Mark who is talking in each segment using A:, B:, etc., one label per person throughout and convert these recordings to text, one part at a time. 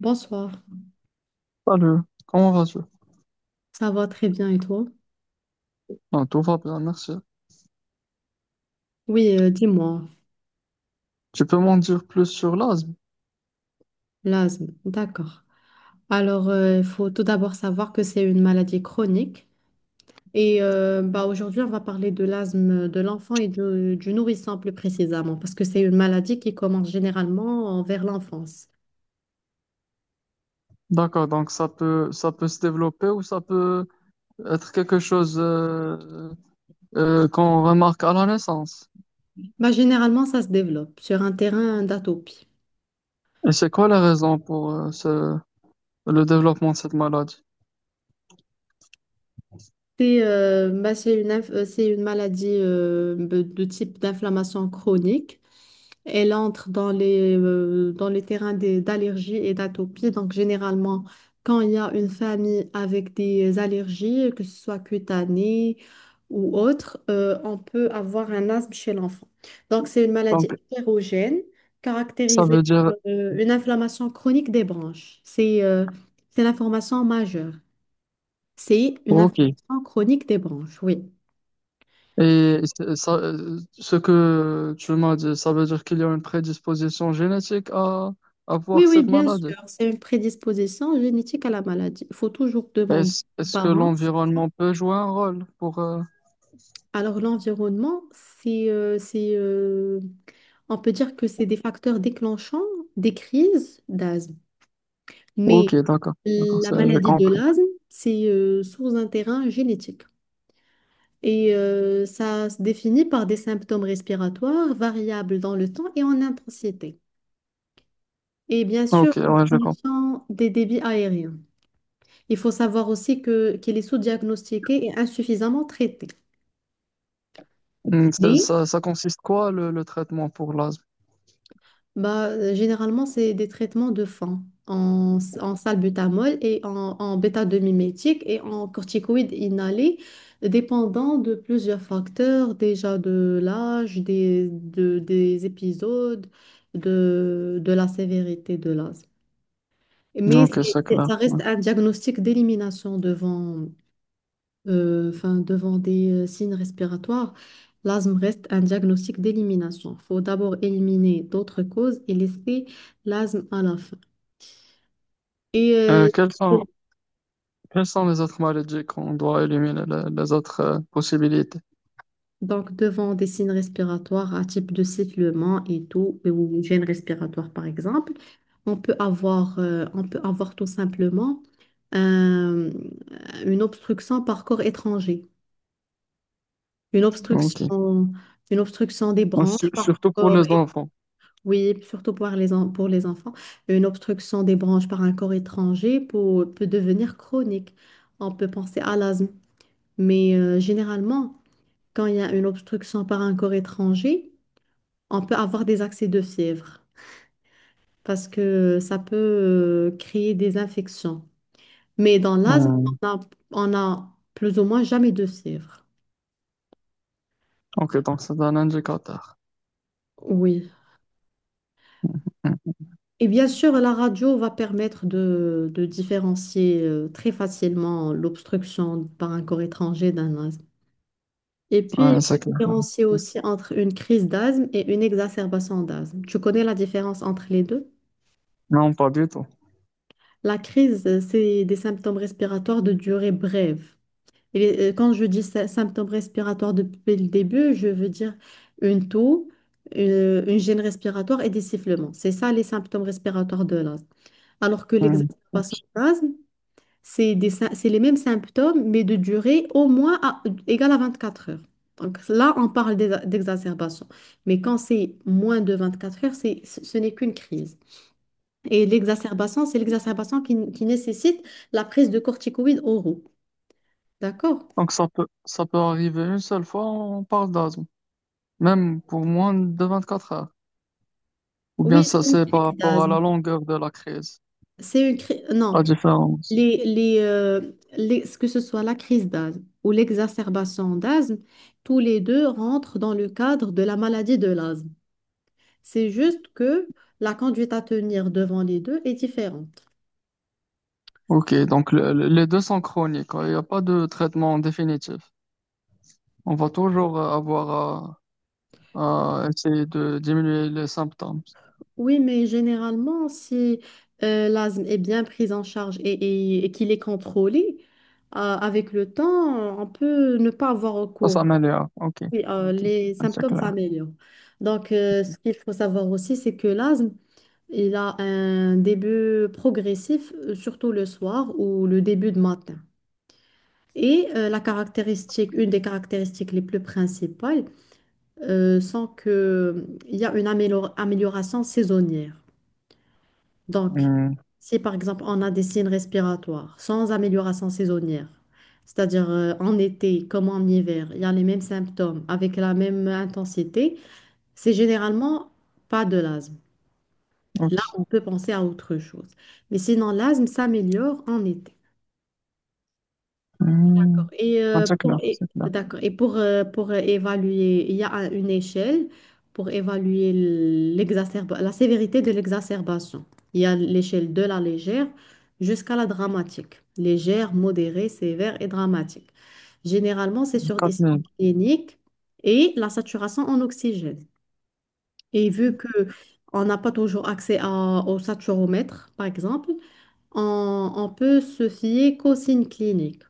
A: Bonsoir,
B: Salut, comment vas-tu?
A: ça va très bien et toi?
B: Non, tout va bien, merci.
A: Oui, dis-moi,
B: Tu peux m'en dire plus sur l'asthme?
A: l'asthme, d'accord. Alors, il faut tout d'abord savoir que c'est une maladie chronique et bah, aujourd'hui, on va parler de l'asthme de l'enfant et du nourrisson plus précisément parce que c'est une maladie qui commence généralement vers l'enfance.
B: D'accord, donc ça peut se développer ou ça peut être quelque chose qu'on remarque à la naissance.
A: Bah, généralement, ça se développe sur un terrain d'atopie.
B: Et c'est quoi les raisons pour le développement de cette maladie?
A: C'est bah, c'est une maladie de type d'inflammation chronique. Elle entre dans les terrains d'allergies et d'atopies. Donc, généralement, quand il y a une famille avec des allergies, que ce soit cutanées ou autres, on peut avoir un asthme chez l'enfant. Donc, c'est une maladie
B: Donc,
A: hétérogène
B: ça
A: caractérisée
B: veut dire,
A: par une inflammation chronique des branches. C'est l'information majeure. C'est une
B: ok.
A: inflammation chronique des branches, oui.
B: Et ce que tu m'as dit, ça veut dire qu'il y a une prédisposition génétique à
A: Oui,
B: avoir
A: oui,
B: cette
A: bien
B: maladie.
A: sûr, c'est une prédisposition génétique à la maladie. Il faut toujours demander
B: Est-ce,
A: aux
B: est-ce que
A: parents.
B: l'environnement peut jouer un rôle pour...
A: Alors, l'environnement, on peut dire que c'est des facteurs déclenchants des crises d'asthme.
B: Ok,
A: Mais
B: d'accord, d'accord,
A: la
B: ça, je
A: maladie de
B: comprends.
A: l'asthme, c'est sur un terrain génétique. Et ça se définit par des symptômes respiratoires variables dans le temps et en intensité. Et bien sûr,
B: Ok,
A: une
B: ouais, je comprends.
A: diminution des débits aériens. Il faut savoir aussi qu'elle est sous-diagnostiquée et insuffisamment traitée.
B: Hmm. Ça,
A: Oui.
B: ça, ça consiste quoi le traitement pour l'asthme?
A: Bah, généralement, c'est des traitements de fond en salbutamol et en bêta-2-mimétique et en corticoïdes inhalés, dépendant de plusieurs facteurs, déjà de l'âge, des épisodes, de la sévérité de l'asthme. Mais
B: Ok, c'est clair.
A: ça
B: Ouais.
A: reste un diagnostic d'élimination devant, enfin, devant des signes respiratoires, l'asthme reste un diagnostic d'élimination. Il faut d'abord éliminer d'autres causes et laisser l'asthme à la fin. Et euh,
B: Euh, quelles sont,
A: pour-
B: quelles sont les autres maladies qu'on doit éliminer, les autres possibilités?
A: donc, devant des signes respiratoires à type de sifflement et tout, ou gêne respiratoire par exemple, on peut avoir tout simplement euh, une obstruction par corps étranger, une
B: Ok.
A: obstruction, une obstruction des
B: Bon,
A: branches par
B: surtout pour
A: corps
B: les enfants.
A: Oui, surtout pour les enfants, une obstruction des branches par un corps étranger peut devenir chronique. On peut penser à l'asthme, mais généralement, quand il y a une obstruction par un corps étranger, on peut avoir des accès de fièvre parce que ça peut créer des infections. Mais dans l'asthme,
B: Hmm.
A: on a, on a plus ou moins jamais de fièvre.
B: Ok, donc c'est un indicateur.
A: Oui.
B: Hmm,
A: Et bien sûr, la radio va permettre de différencier très facilement l'obstruction par un corps étranger d'un asthme. Et puis,
B: ouais,
A: il
B: c'est
A: faut
B: clair.
A: différencier aussi entre une crise d'asthme et une exacerbation d'asthme. Tu connais la différence entre les deux?
B: Non, pas du tout.
A: La crise, c'est des symptômes respiratoires de durée brève. Quand je dis symptômes respiratoires depuis le début, je veux dire une toux, une gêne respiratoire et des sifflements. C'est ça les symptômes respiratoires de l'asthme. Alors que
B: Hmm.
A: l'exacerbation d'asthme, c'est les mêmes symptômes, mais de durée au moins égale à 24 heures. Donc là, on parle d'exacerbation. Mais quand c'est moins de 24 heures, c'est, ce ce n'est qu'une crise. Et l'exacerbation, c'est l'exacerbation qui nécessite la prise de corticoïdes oraux. D'accord?
B: Donc ça peut arriver une seule fois, on parle d'asthme, même pour moins de 24 heures. Ou
A: Oui,
B: bien ça
A: c'est une
B: c'est
A: crise
B: par rapport à la
A: d'asthme.
B: longueur de la crise, la
A: Non,
B: différence.
A: les, les, euh, que ce soit la crise d'asthme ou l'exacerbation d'asthme, tous les deux rentrent dans le cadre de la maladie de l'asthme. C'est juste que la conduite à tenir devant les deux est différente.
B: Ok, donc les deux sont chroniques, hein, il n'y a pas de traitement définitif. On va toujours avoir à essayer de diminuer les symptômes.
A: Oui, mais généralement, si l'asthme est bien pris en charge et qu'il est contrôlé, avec le temps, on peut ne pas avoir recours.
B: تتمالي اوكي
A: Oui,
B: اوكي
A: les symptômes
B: شكلها
A: s'améliorent. Donc, ce qu'il faut savoir aussi, c'est que l'asthme, il a un début progressif, surtout le soir ou le début de matin. La caractéristique, une des caractéristiques les plus principales, sans que il y a une amélioration saisonnière. Donc,
B: امم
A: si par exemple on a des signes respiratoires sans amélioration saisonnière, c'est-à-dire en été comme en hiver, il y a les mêmes symptômes avec la même intensité, c'est généralement pas de l'asthme. Là,
B: اوكي
A: on peut penser à autre chose. Mais sinon, l'asthme s'améliore en été. D'accord.
B: امم
A: Et euh, pour,
B: شكلها
A: et-
B: شكلها
A: d'accord. Et pour évaluer, il y a une échelle pour évaluer la sévérité de l'exacerbation. Il y a l'échelle de la légère jusqu'à la dramatique. Légère, modérée, sévère et dramatique. Généralement, c'est sur des
B: quatre
A: signes
B: mille.
A: cliniques et la saturation en oxygène. Et vu que on n'a pas toujours accès au saturomètre, par exemple, on peut se fier qu'aux signes cliniques.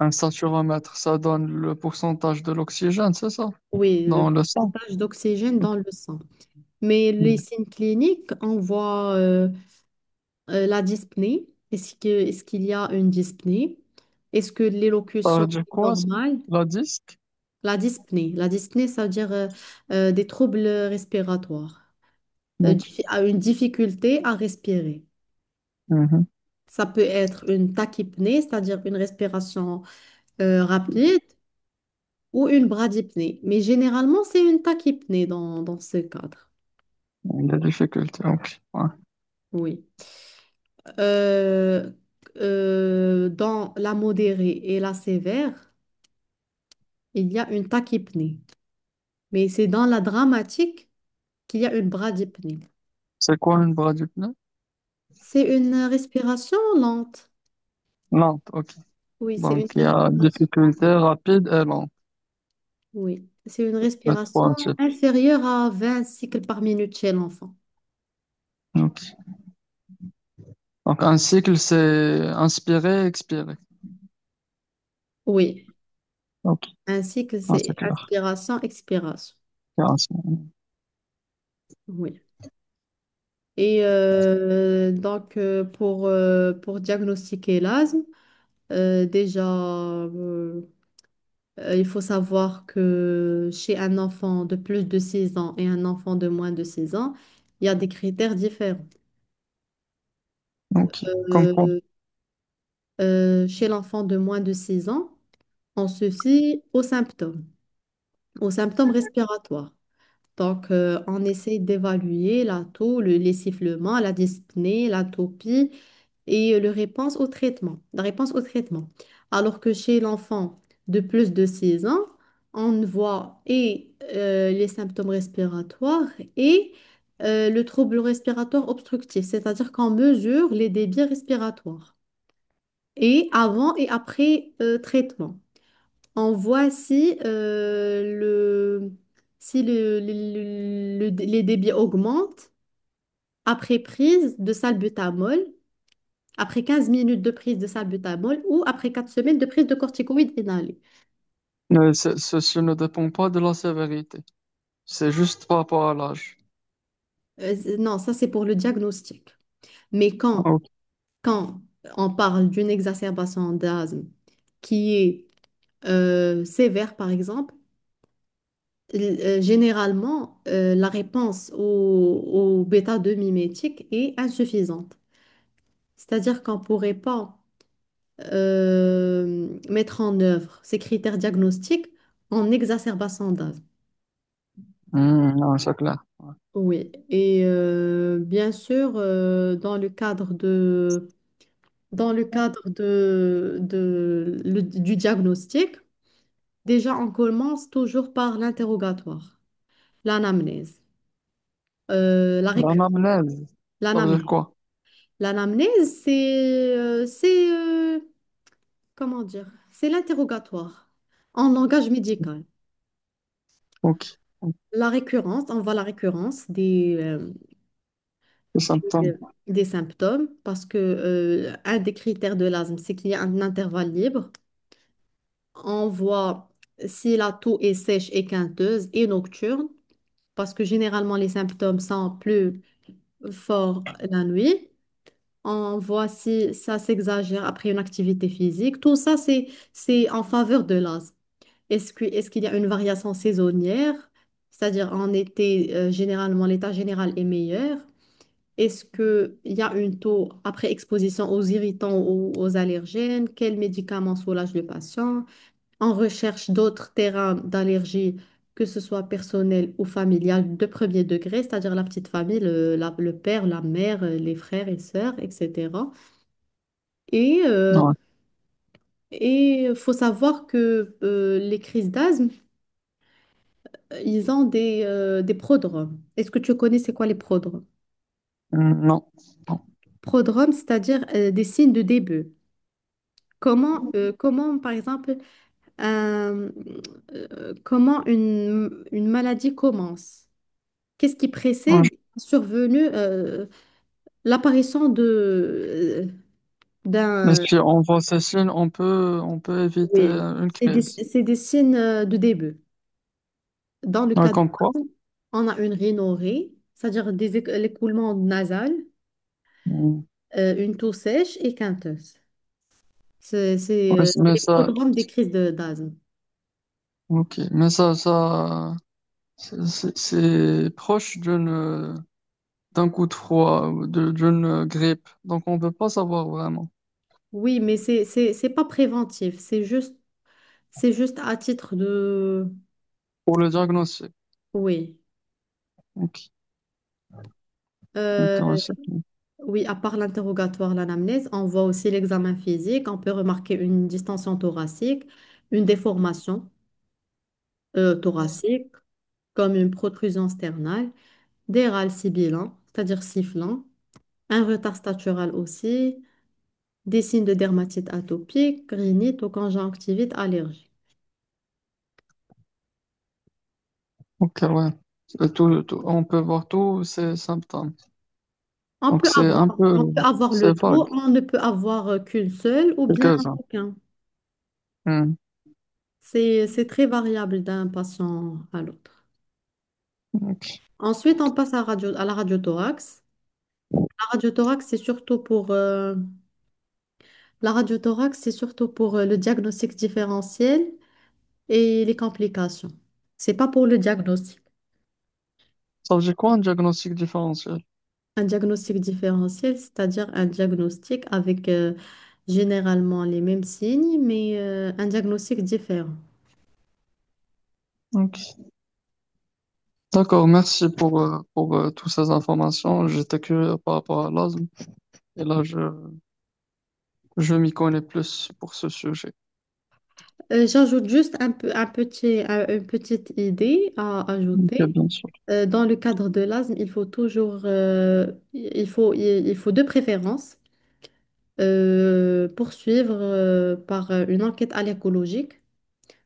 B: Un saturomètre ça donne le pourcentage de l'oxygène c'est ça
A: Oui,
B: dans
A: le
B: le sang.
A: pourcentage d'oxygène
B: Ok.
A: dans le sang. Mais les
B: Hmm.
A: signes cliniques, on voit la dyspnée. Est-ce qu'il y a une dyspnée? Est-ce que
B: ça veut
A: l'élocution
B: dire
A: est
B: quoi ça
A: normale?
B: la disque.
A: La dyspnée. La dyspnée, ça veut dire des troubles respiratoires,
B: Ok.
A: diffi- à une difficulté à respirer.
B: Mhm.
A: Ça peut être une tachypnée, c'est-à-dire une respiration rapide, ou une bradypnée. Mais généralement, c'est une tachypnée dans ce cadre.
B: Il difficulté, ok, ouais.
A: Oui. euh, dans la modérée et la sévère, il y a une tachypnée. Mais c'est dans la dramatique qu'il y a une bradypnée.
B: C'est quoi une bras du pneu?
A: C'est une respiration lente.
B: Lente, ok.
A: Oui, c'est
B: Donc
A: une
B: il y a
A: respiration.
B: difficulté rapide et lente,
A: Oui, c'est une
B: les
A: respiration
B: trois types.
A: inférieure à 20 cycles par minute chez l'enfant.
B: Ok. Donc un cycle c'est inspirer expirer,
A: Oui,
B: ok.
A: ainsi que
B: Ah, c'est
A: c'est
B: clair.
A: inspiration, expiration.
B: Intéressant.
A: Oui. Et donc, pour diagnostiquer l'asthme, déjà, il faut savoir que chez un enfant de plus de 6 ans et un enfant de moins de 6 ans, il y a des critères différents.
B: Ok, comme quoi?
A: Euh, chez l'enfant de moins de 6 ans, on se fie aux symptômes respiratoires. Donc, on essaie d'évaluer la taux, les sifflements, la dyspnée, l'atopie et la réponse au traitement, la réponse au traitement. Alors que chez l'enfant de plus de 6 ans, on voit et les symptômes respiratoires et le trouble respiratoire obstructif, c'est-à-dire qu'on mesure les débits respiratoires et avant et après traitement. On voit si, le, si le, le- les débits augmentent après prise de salbutamol, après 15 minutes de prise de salbutamol ou après 4 semaines de prise de corticoïdes inhalés.
B: Ceci ne dépend pas de la sévérité. C'est juste par rapport à l'âge.
A: Non, ça c'est pour le diagnostic. Mais
B: Ah,
A: quand,
B: ok.
A: quand on parle d'une exacerbation d'asthme qui est sévère, par exemple, généralement, la réponse au bêta-2 mimétique est insuffisante. C'est-à-dire qu'on ne pourrait pas mettre en œuvre ces critères diagnostiques en exacerbation d'asthme.
B: Hmm, non, c'est clair.
A: Oui, et bien sûr, dans le cadre du diagnostic, déjà on commence toujours par l'interrogatoire, l'anamnèse, euh, la récu-
B: L'anamnèse, ça veut dire
A: l'anamnèse.
B: quoi?
A: L'anamnèse, comment dire, c'est l'interrogatoire en langage médical.
B: Ok.
A: La récurrence, on voit la récurrence
B: Les
A: des,
B: symptômes.
A: euh, des symptômes parce que un des critères de l'asthme, c'est qu'il y a un intervalle libre. On voit si la toux est sèche et quinteuse et nocturne parce que généralement les symptômes sont plus forts la nuit. On voit si ça s'exagère après une activité physique. Tout ça, c'est en faveur de l'asthme. Est-ce qu'il y a une variation saisonnière? C'est-à-dire en été, généralement, l'état général est meilleur. Est-ce qu'il y a une taux après exposition aux irritants ou aux allergènes? Quels médicaments soulagent le patient? On recherche d'autres terrains d'allergie, que ce soit personnel ou familial, de premier degré, c'est-à-dire la petite famille, le père, la mère, les frères et sœurs, etc. Et euh,
B: Ouais.
A: et faut savoir que les crises d'asthme, ils ont des prodromes. Est-ce que tu connais c'est quoi les prodromes?
B: Hmm. Non. Non.
A: Prodromes, c'est-à-dire des signes de début. Comment, comment, par exemple, un- comment une maladie commence? Qu'est-ce qui
B: Non,
A: précède
B: je-
A: la survenue, l'apparition
B: Mais
A: d'un...
B: si on voit ces signes, on peut éviter
A: Oui,
B: une
A: c'est des,
B: crise.
A: c'est des signes de début. Dans le
B: Ouais,
A: cas de...
B: comme quoi?
A: On a une rhinorrhée, c'est-à-dire l'écoulement nasal,
B: Hmm.
A: une toux sèche et quinteuse. C'est c'est,
B: Ouais,
A: euh,
B: c'est-
A: c'est
B: mais
A: les
B: ça,
A: prodromes des crises d'asthme.
B: ok. C'est proche d'une, d'un coup de froid, ou d'une grippe. Donc, on ne peut pas savoir vraiment
A: Oui, mais c'est pas préventif, c'est juste à titre de...
B: pour le diagnostic.
A: Oui.
B: Ok. Donc,
A: Euh,
B: ouais, tout.
A: oui, à part l'interrogatoire, l'anamnèse, on voit aussi l'examen physique. On peut remarquer une distension thoracique, une déformation thoracique, comme une protrusion sternale, des râles sibilants, c'est-à-dire sifflants, un retard statural aussi, des signes de dermatite atopique, rhinite ou conjonctivite allergique.
B: Ok, ouais. On peut voir tous ces symptômes.
A: On
B: Donc,
A: peut
B: c'est un
A: avoir,
B: peu,
A: on peut avoir
B: c'est
A: le tout,
B: vague,
A: on ne peut avoir qu'une seule ou bien
B: quelques-uns.
A: aucun.
B: Hmm.
A: C'est très variable d'un patient à l'autre.
B: Ok.
A: Ensuite, on passe à la radiothorax. La radiothorax, c'est surtout pour le diagnostic différentiel et les complications. C'est pas pour le diagnostic.
B: Ça veut dire quoi un diagnostic différentiel?
A: Un diagnostic différentiel, c'est-à-dire un diagnostic avec généralement les mêmes signes, mais un diagnostic différent.
B: Ok. D'accord, merci pour, toutes ces informations. J'étais curieux par rapport à l'asthme et je m'y connais plus pour ce sujet.
A: J'ajoute juste un peu, un petit, un- une petite idée à
B: Ok,
A: ajouter.
B: bien sûr.
A: Dans le cadre de l'asthme, il faut toujours, il faut de préférence poursuivre par une enquête allergologique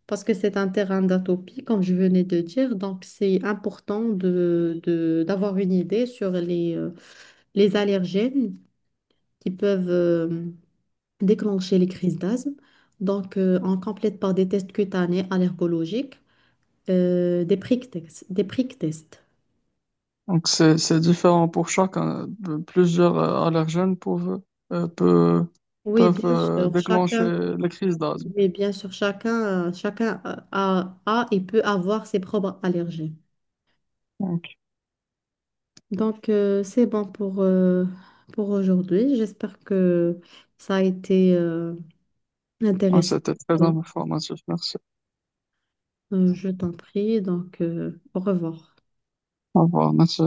A: parce que c'est un terrain d'atopie, comme je venais de dire. Donc, c'est important d'avoir une idée sur les allergènes qui peuvent déclencher les crises d'asthme. Donc, on complète par des tests cutanés allergologiques. Des prick tests, des prick tests.
B: Donc, c'est différent pour chacun. De- Plusieurs allergènes peuvent, euh, peu-
A: Oui,
B: peuvent,
A: bien sûr,
B: déclencher
A: chacun,
B: les crises d'asthme.
A: oui, bien sûr, chacun, chacun a et peut avoir ses propres allergies. Donc, c'est bon pour aujourd'hui. J'espère que ça a été
B: Ouais,
A: intéressant.
B: c'était très
A: Bon,
B: informatif. Merci.
A: je t'en prie, donc au revoir.
B: Au revoir. Merci.